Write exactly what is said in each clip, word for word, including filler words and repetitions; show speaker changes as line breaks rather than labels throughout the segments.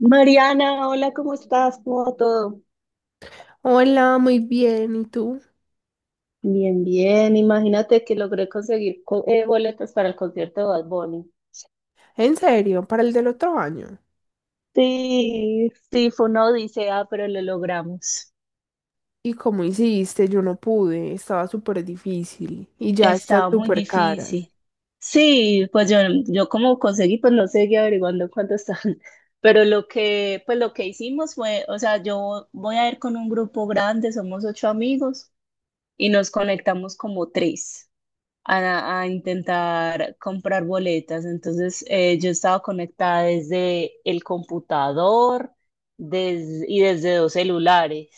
Mariana, hola, ¿cómo estás? ¿Cómo va todo?
Hola, muy bien. ¿Y tú?
Bien, bien. Imagínate que logré conseguir co- eh, boletas para el concierto de Bad Bunny.
En serio, para el del otro año.
Sí, sí, fue una odisea, pero lo logramos.
¿Y cómo hiciste? Yo no pude. Estaba súper difícil. Y ya están
Estaba muy
súper caras.
difícil. Sí, pues yo, yo como conseguí, pues no seguí averiguando cuánto están. Pero lo que, pues lo que hicimos fue, o sea, yo voy a ir con un grupo grande, somos ocho amigos y nos conectamos como tres a, a intentar comprar boletas. Entonces, eh, yo estaba conectada desde el computador des- y desde dos celulares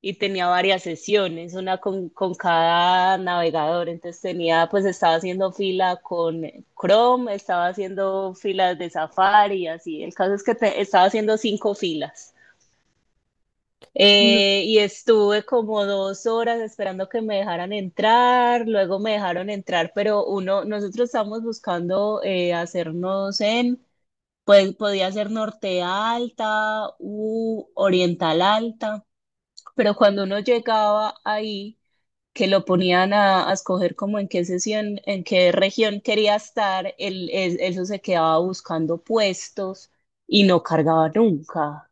y tenía varias sesiones, una con, con cada navegador. Entonces, tenía, pues estaba haciendo fila con Chrome, estaba haciendo filas de Safari y así. El caso es que te- estaba haciendo cinco filas. Eh, y estuve como dos horas esperando que me dejaran entrar, luego me dejaron entrar, pero uno, nosotros estamos buscando eh, hacernos en, pues podía ser norte alta u oriental alta, pero cuando uno llegaba ahí, que lo ponían a, a escoger como en qué sesión, en qué región quería estar, el, el- eso se quedaba buscando puestos y no cargaba nunca.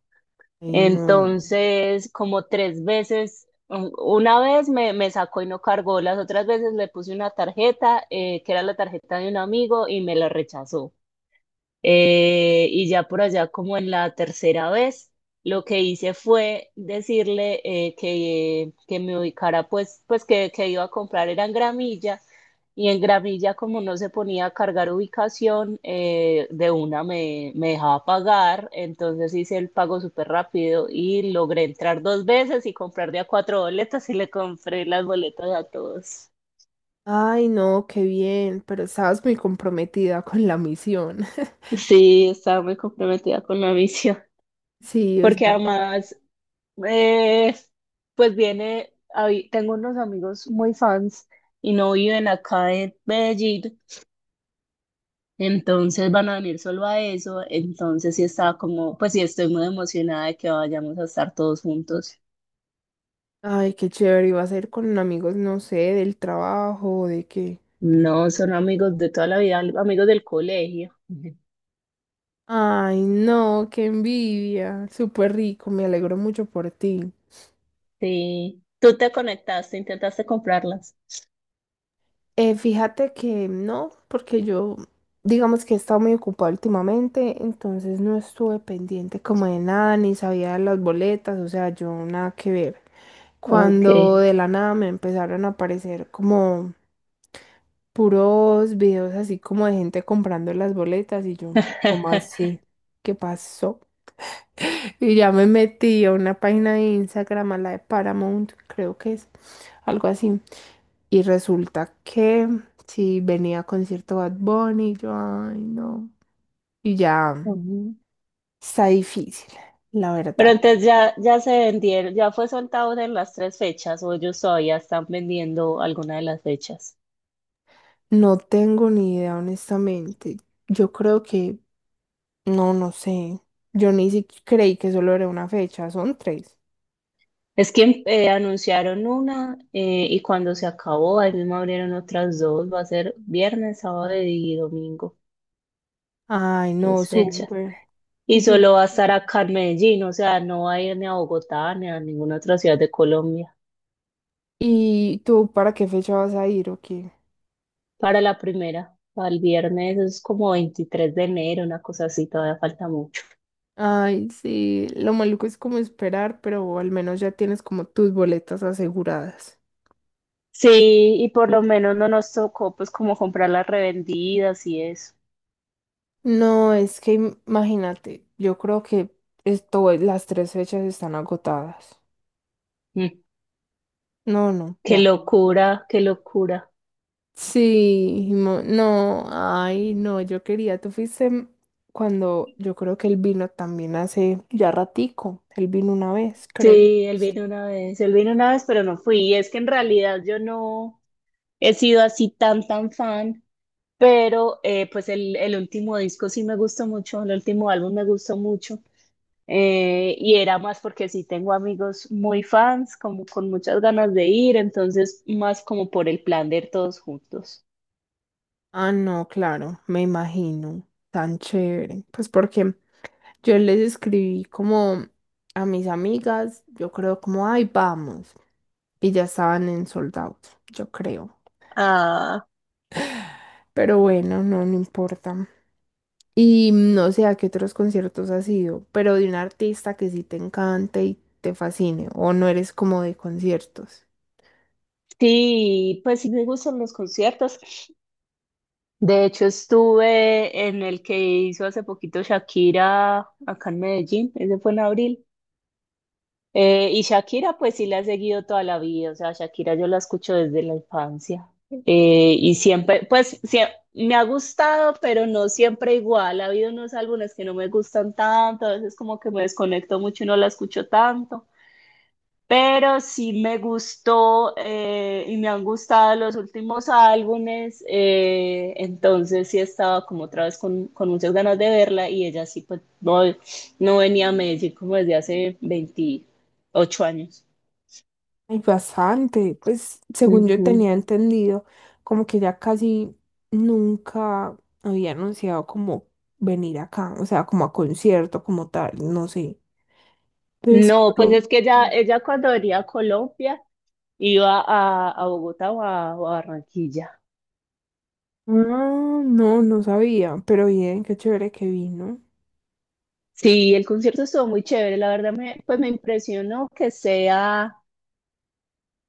Ay, no.
Entonces, como tres veces, un- una vez me, me sacó y no cargó, las otras veces le puse una tarjeta, eh, que era la tarjeta de un amigo, y me la rechazó. Eh, y ya por allá, como en la tercera vez, lo que hice fue decirle eh, que, que me ubicara, pues, pues que, que iba a comprar era en Gramilla. Y en Gramilla, como no se ponía a cargar ubicación, eh, de una me, me dejaba pagar. Entonces hice el pago súper rápido y logré entrar dos veces y comprar de a cuatro boletas y le compré las boletas a todos.
Ay, no, qué bien. Pero estabas muy comprometida con la misión.
Sí, estaba muy comprometida con la misión.
Sí, o
Porque
sea.
además, Eh, pues viene, ahí- tengo unos amigos muy fans y no viven acá en Medellín, entonces van a venir solo a eso, entonces sí estaba como, pues sí estoy muy emocionada de que vayamos a estar todos juntos.
Ay, qué chévere. Iba a ser con amigos, no sé, del trabajo, de qué.
No, son amigos de toda la vida, amigos del colegio. Ujú.
Ay, no, qué envidia. Súper rico. Me alegro mucho por ti.
Sí, tú te conectaste, intentaste comprarlas.
Eh, fíjate que no, porque yo, digamos que he estado muy ocupada últimamente, entonces no estuve pendiente como de nada, ni sabía de las boletas, o sea, yo nada que ver.
Ok.
Cuando de la nada me empezaron a aparecer como puros videos así como de gente comprando las boletas y yo, ¿cómo así? ¿Qué pasó? Y ya me metí a una página de Instagram, a la de Paramount, creo que es algo así. Y resulta que si venía concierto Bad Bunny, yo, ay, no. Y ya
Ujú.
está difícil, la
Pero
verdad.
entonces ya, ya se vendieron, ¿ya fue soltado en las tres fechas o ellos todavía están vendiendo alguna de las fechas?
No tengo ni idea, honestamente. Yo creo que, no, no sé. Yo ni siquiera creí que solo era una fecha, son tres.
Es que eh, anunciaron una, eh, y cuando se acabó, ahí mismo abrieron otras dos, va a ser viernes, sábado y domingo,
Ay, no,
tres fechas.
súper.
Y
¿Y tú?
solo va a estar acá en Medellín, o sea, no va a ir ni a Bogotá ni a ninguna otra ciudad de Colombia.
¿Y tú para qué fecha vas a ir o qué?
Para la primera, para el viernes, es como veintitrés de enero, una cosa así, todavía falta.
Ay, sí, lo maluco es como esperar, pero al menos ya tienes como tus boletas aseguradas.
Sí, y por lo menos no nos tocó, pues, como comprar las revendidas y eso.
No, es que im- imagínate, yo creo que esto, las tres fechas están agotadas.
Mm,
No, no,
Qué
ya.
locura, qué locura.
Sí, mo- no, ay, no, yo quería, tú fuiste m- cuando yo creo que él vino también hace ya ratico, él vino una vez, creo.
Sí, él vino una vez, él vino una vez, pero no fui. Y es que en realidad yo no he sido así tan, tan fan, pero eh, pues el, el último disco sí me gustó mucho, el último álbum me gustó mucho. eh, y era más porque sí tengo amigos muy fans, como con muchas ganas de ir, entonces más como por el plan de ir todos juntos.
Ah, no, claro, me imagino, tan chévere. Pues porque yo les escribí como a mis amigas, yo creo como, ay, vamos. Y ya estaban en sold out, yo creo.
Ah.
Pero bueno, no, no importa. Y no sé a qué otros conciertos has ido, pero de un artista que sí te encante y te fascine, o no eres como de conciertos.
Sí, pues sí me gustan los conciertos. De hecho, estuve en el que hizo hace poquito Shakira acá en Medellín, ese fue en abril. Eh, y Shakira, pues sí la he seguido toda la vida, o sea, Shakira yo la escucho desde la infancia. Eh, y siempre, pues sie- me ha gustado, pero no siempre igual. Ha habido unos álbumes que no me gustan tanto, a veces como que me desconecto mucho y no la escucho tanto, pero sí me gustó, eh, y me han gustado los últimos álbumes, eh, entonces sí estaba como otra vez con, con muchas ganas de verla y ella sí, pues no, no venía a Medellín como desde hace veintiocho años.
Hay bastante, pues según yo
Ujú.
tenía entendido, como que ya casi nunca había anunciado como venir acá, o sea, como a concierto, como tal, no sé. Entonces,
No, pues es que ella, ella cuando venía a Colombia iba a, a Bogotá o a, o a Barranquilla.
ah, no, no sabía, pero bien, qué chévere que vino.
Sí, el concierto estuvo muy chévere, la verdad me, pues me impresionó que sea.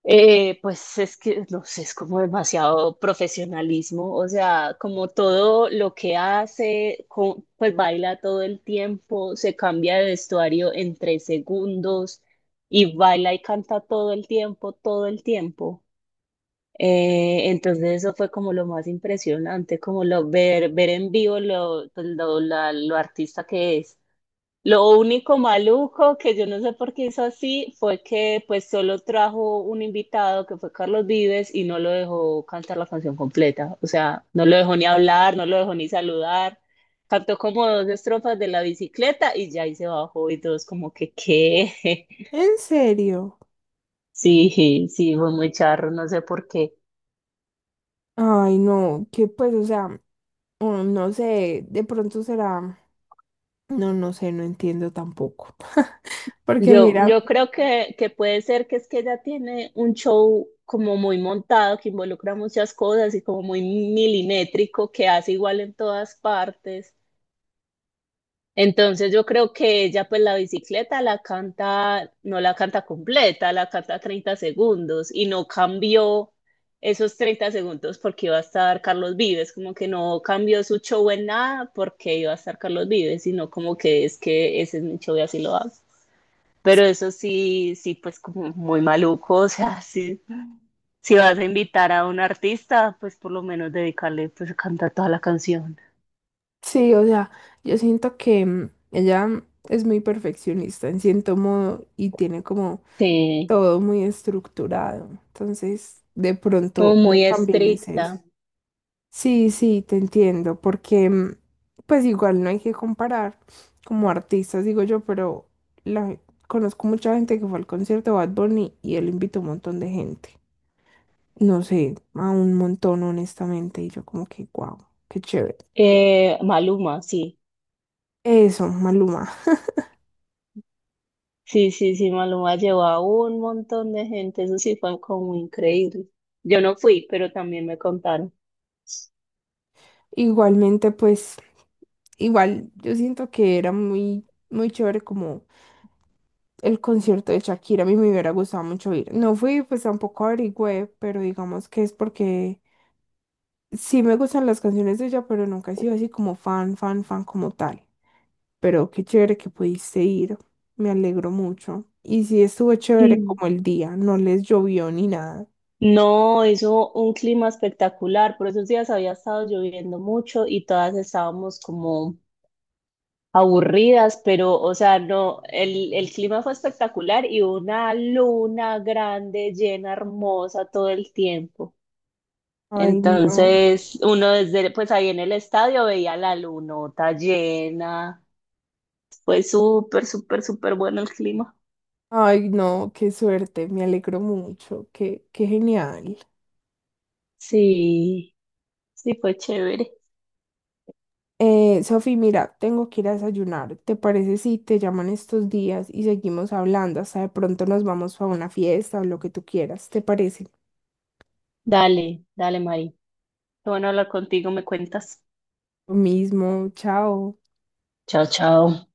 Eh, pues es que, no sé, es como demasiado profesionalismo, o sea, como todo lo que hace, co- pues baila todo el tiempo, se cambia de vestuario en tres segundos y baila y canta todo el tiempo, todo el tiempo. Eh, entonces eso fue como lo más impresionante, como lo ver, ver en vivo lo, pues, lo, la- lo artista que es. Lo único maluco, que yo no sé por qué hizo así, fue que pues solo trajo un invitado que fue Carlos Vives y no lo dejó cantar la canción completa. O sea, no lo dejó ni hablar, no lo dejó ni saludar. Cantó como dos estrofas de la bicicleta y ya ahí se bajó y todos como que qué.
¿En serio?
Sí, sí, fue muy charro, no sé por qué.
Ay, no, que pues, o sea, mm, no sé, de pronto será, no, no sé, no entiendo tampoco. Porque
Yo,
mira,
yo creo que, que puede ser que es que ella tiene un show como muy montado, que involucra muchas cosas y como muy milimétrico, que hace igual en todas partes. Entonces yo creo que ella, pues, la bicicleta la canta, no la canta completa, la canta treinta segundos y no cambió esos treinta segundos porque iba a estar Carlos Vives, como que no cambió su show en nada porque iba a estar Carlos Vives, sino como que es que ese es mi show y así lo hago. Pero eso sí, sí, pues, como muy maluco, o sea, sí, si vas a invitar a un artista, pues por lo menos dedicarle, pues, a cantar toda la canción.
sí, o sea, yo siento que mm, ella, mm, es muy perfeccionista en cierto modo y tiene como
Sí,
todo muy estructurado. Entonces, de
como
pronto
muy
también es eso.
estricta.
Sí, sí, te entiendo, porque mm, pues igual no hay que comparar como artistas, digo yo, pero la, conozco mucha gente que fue al concierto de Bad Bunny y él invitó un montón de gente. No sé, a un montón honestamente y yo como que, wow, qué chévere.
Eh, Maluma, sí,
Eso, Maluma.
sí, sí, sí, Maluma llevó a un montón de gente, eso sí fue como increíble. Yo no fui, pero también me contaron.
Igualmente, pues, igual, yo siento que era muy, muy chévere como el concierto de Shakira, a mí me hubiera gustado mucho ir. No fui, pues tampoco averigüé, pero digamos que es porque sí me gustan las canciones de ella, pero nunca he sido así como fan, fan, fan como tal. Pero qué chévere que pudiste ir, me alegro mucho. Y sí estuvo chévere
Sí.
como el día, no les llovió ni nada.
No, hizo un clima espectacular, por esos días había estado lloviendo mucho y todas estábamos como aburridas, pero, o sea, no, el, el clima fue espectacular y una luna grande, llena, hermosa todo el tiempo.
Ay, no.
Entonces, uno desde, pues ahí en el estadio veía la lunota llena. Fue súper, súper, súper bueno el clima.
Ay, no, qué suerte, me alegro mucho, qué, qué genial.
Sí, sí, fue chévere.
Eh, Sofi, mira, tengo que ir a desayunar. ¿Te parece si te llaman estos días y seguimos hablando? Hasta de pronto nos vamos a una fiesta o lo que tú quieras. ¿Te parece?
Dale, dale, Mari. Qué bueno hablar contigo, me cuentas.
Lo mismo, chao.
Chao, chao.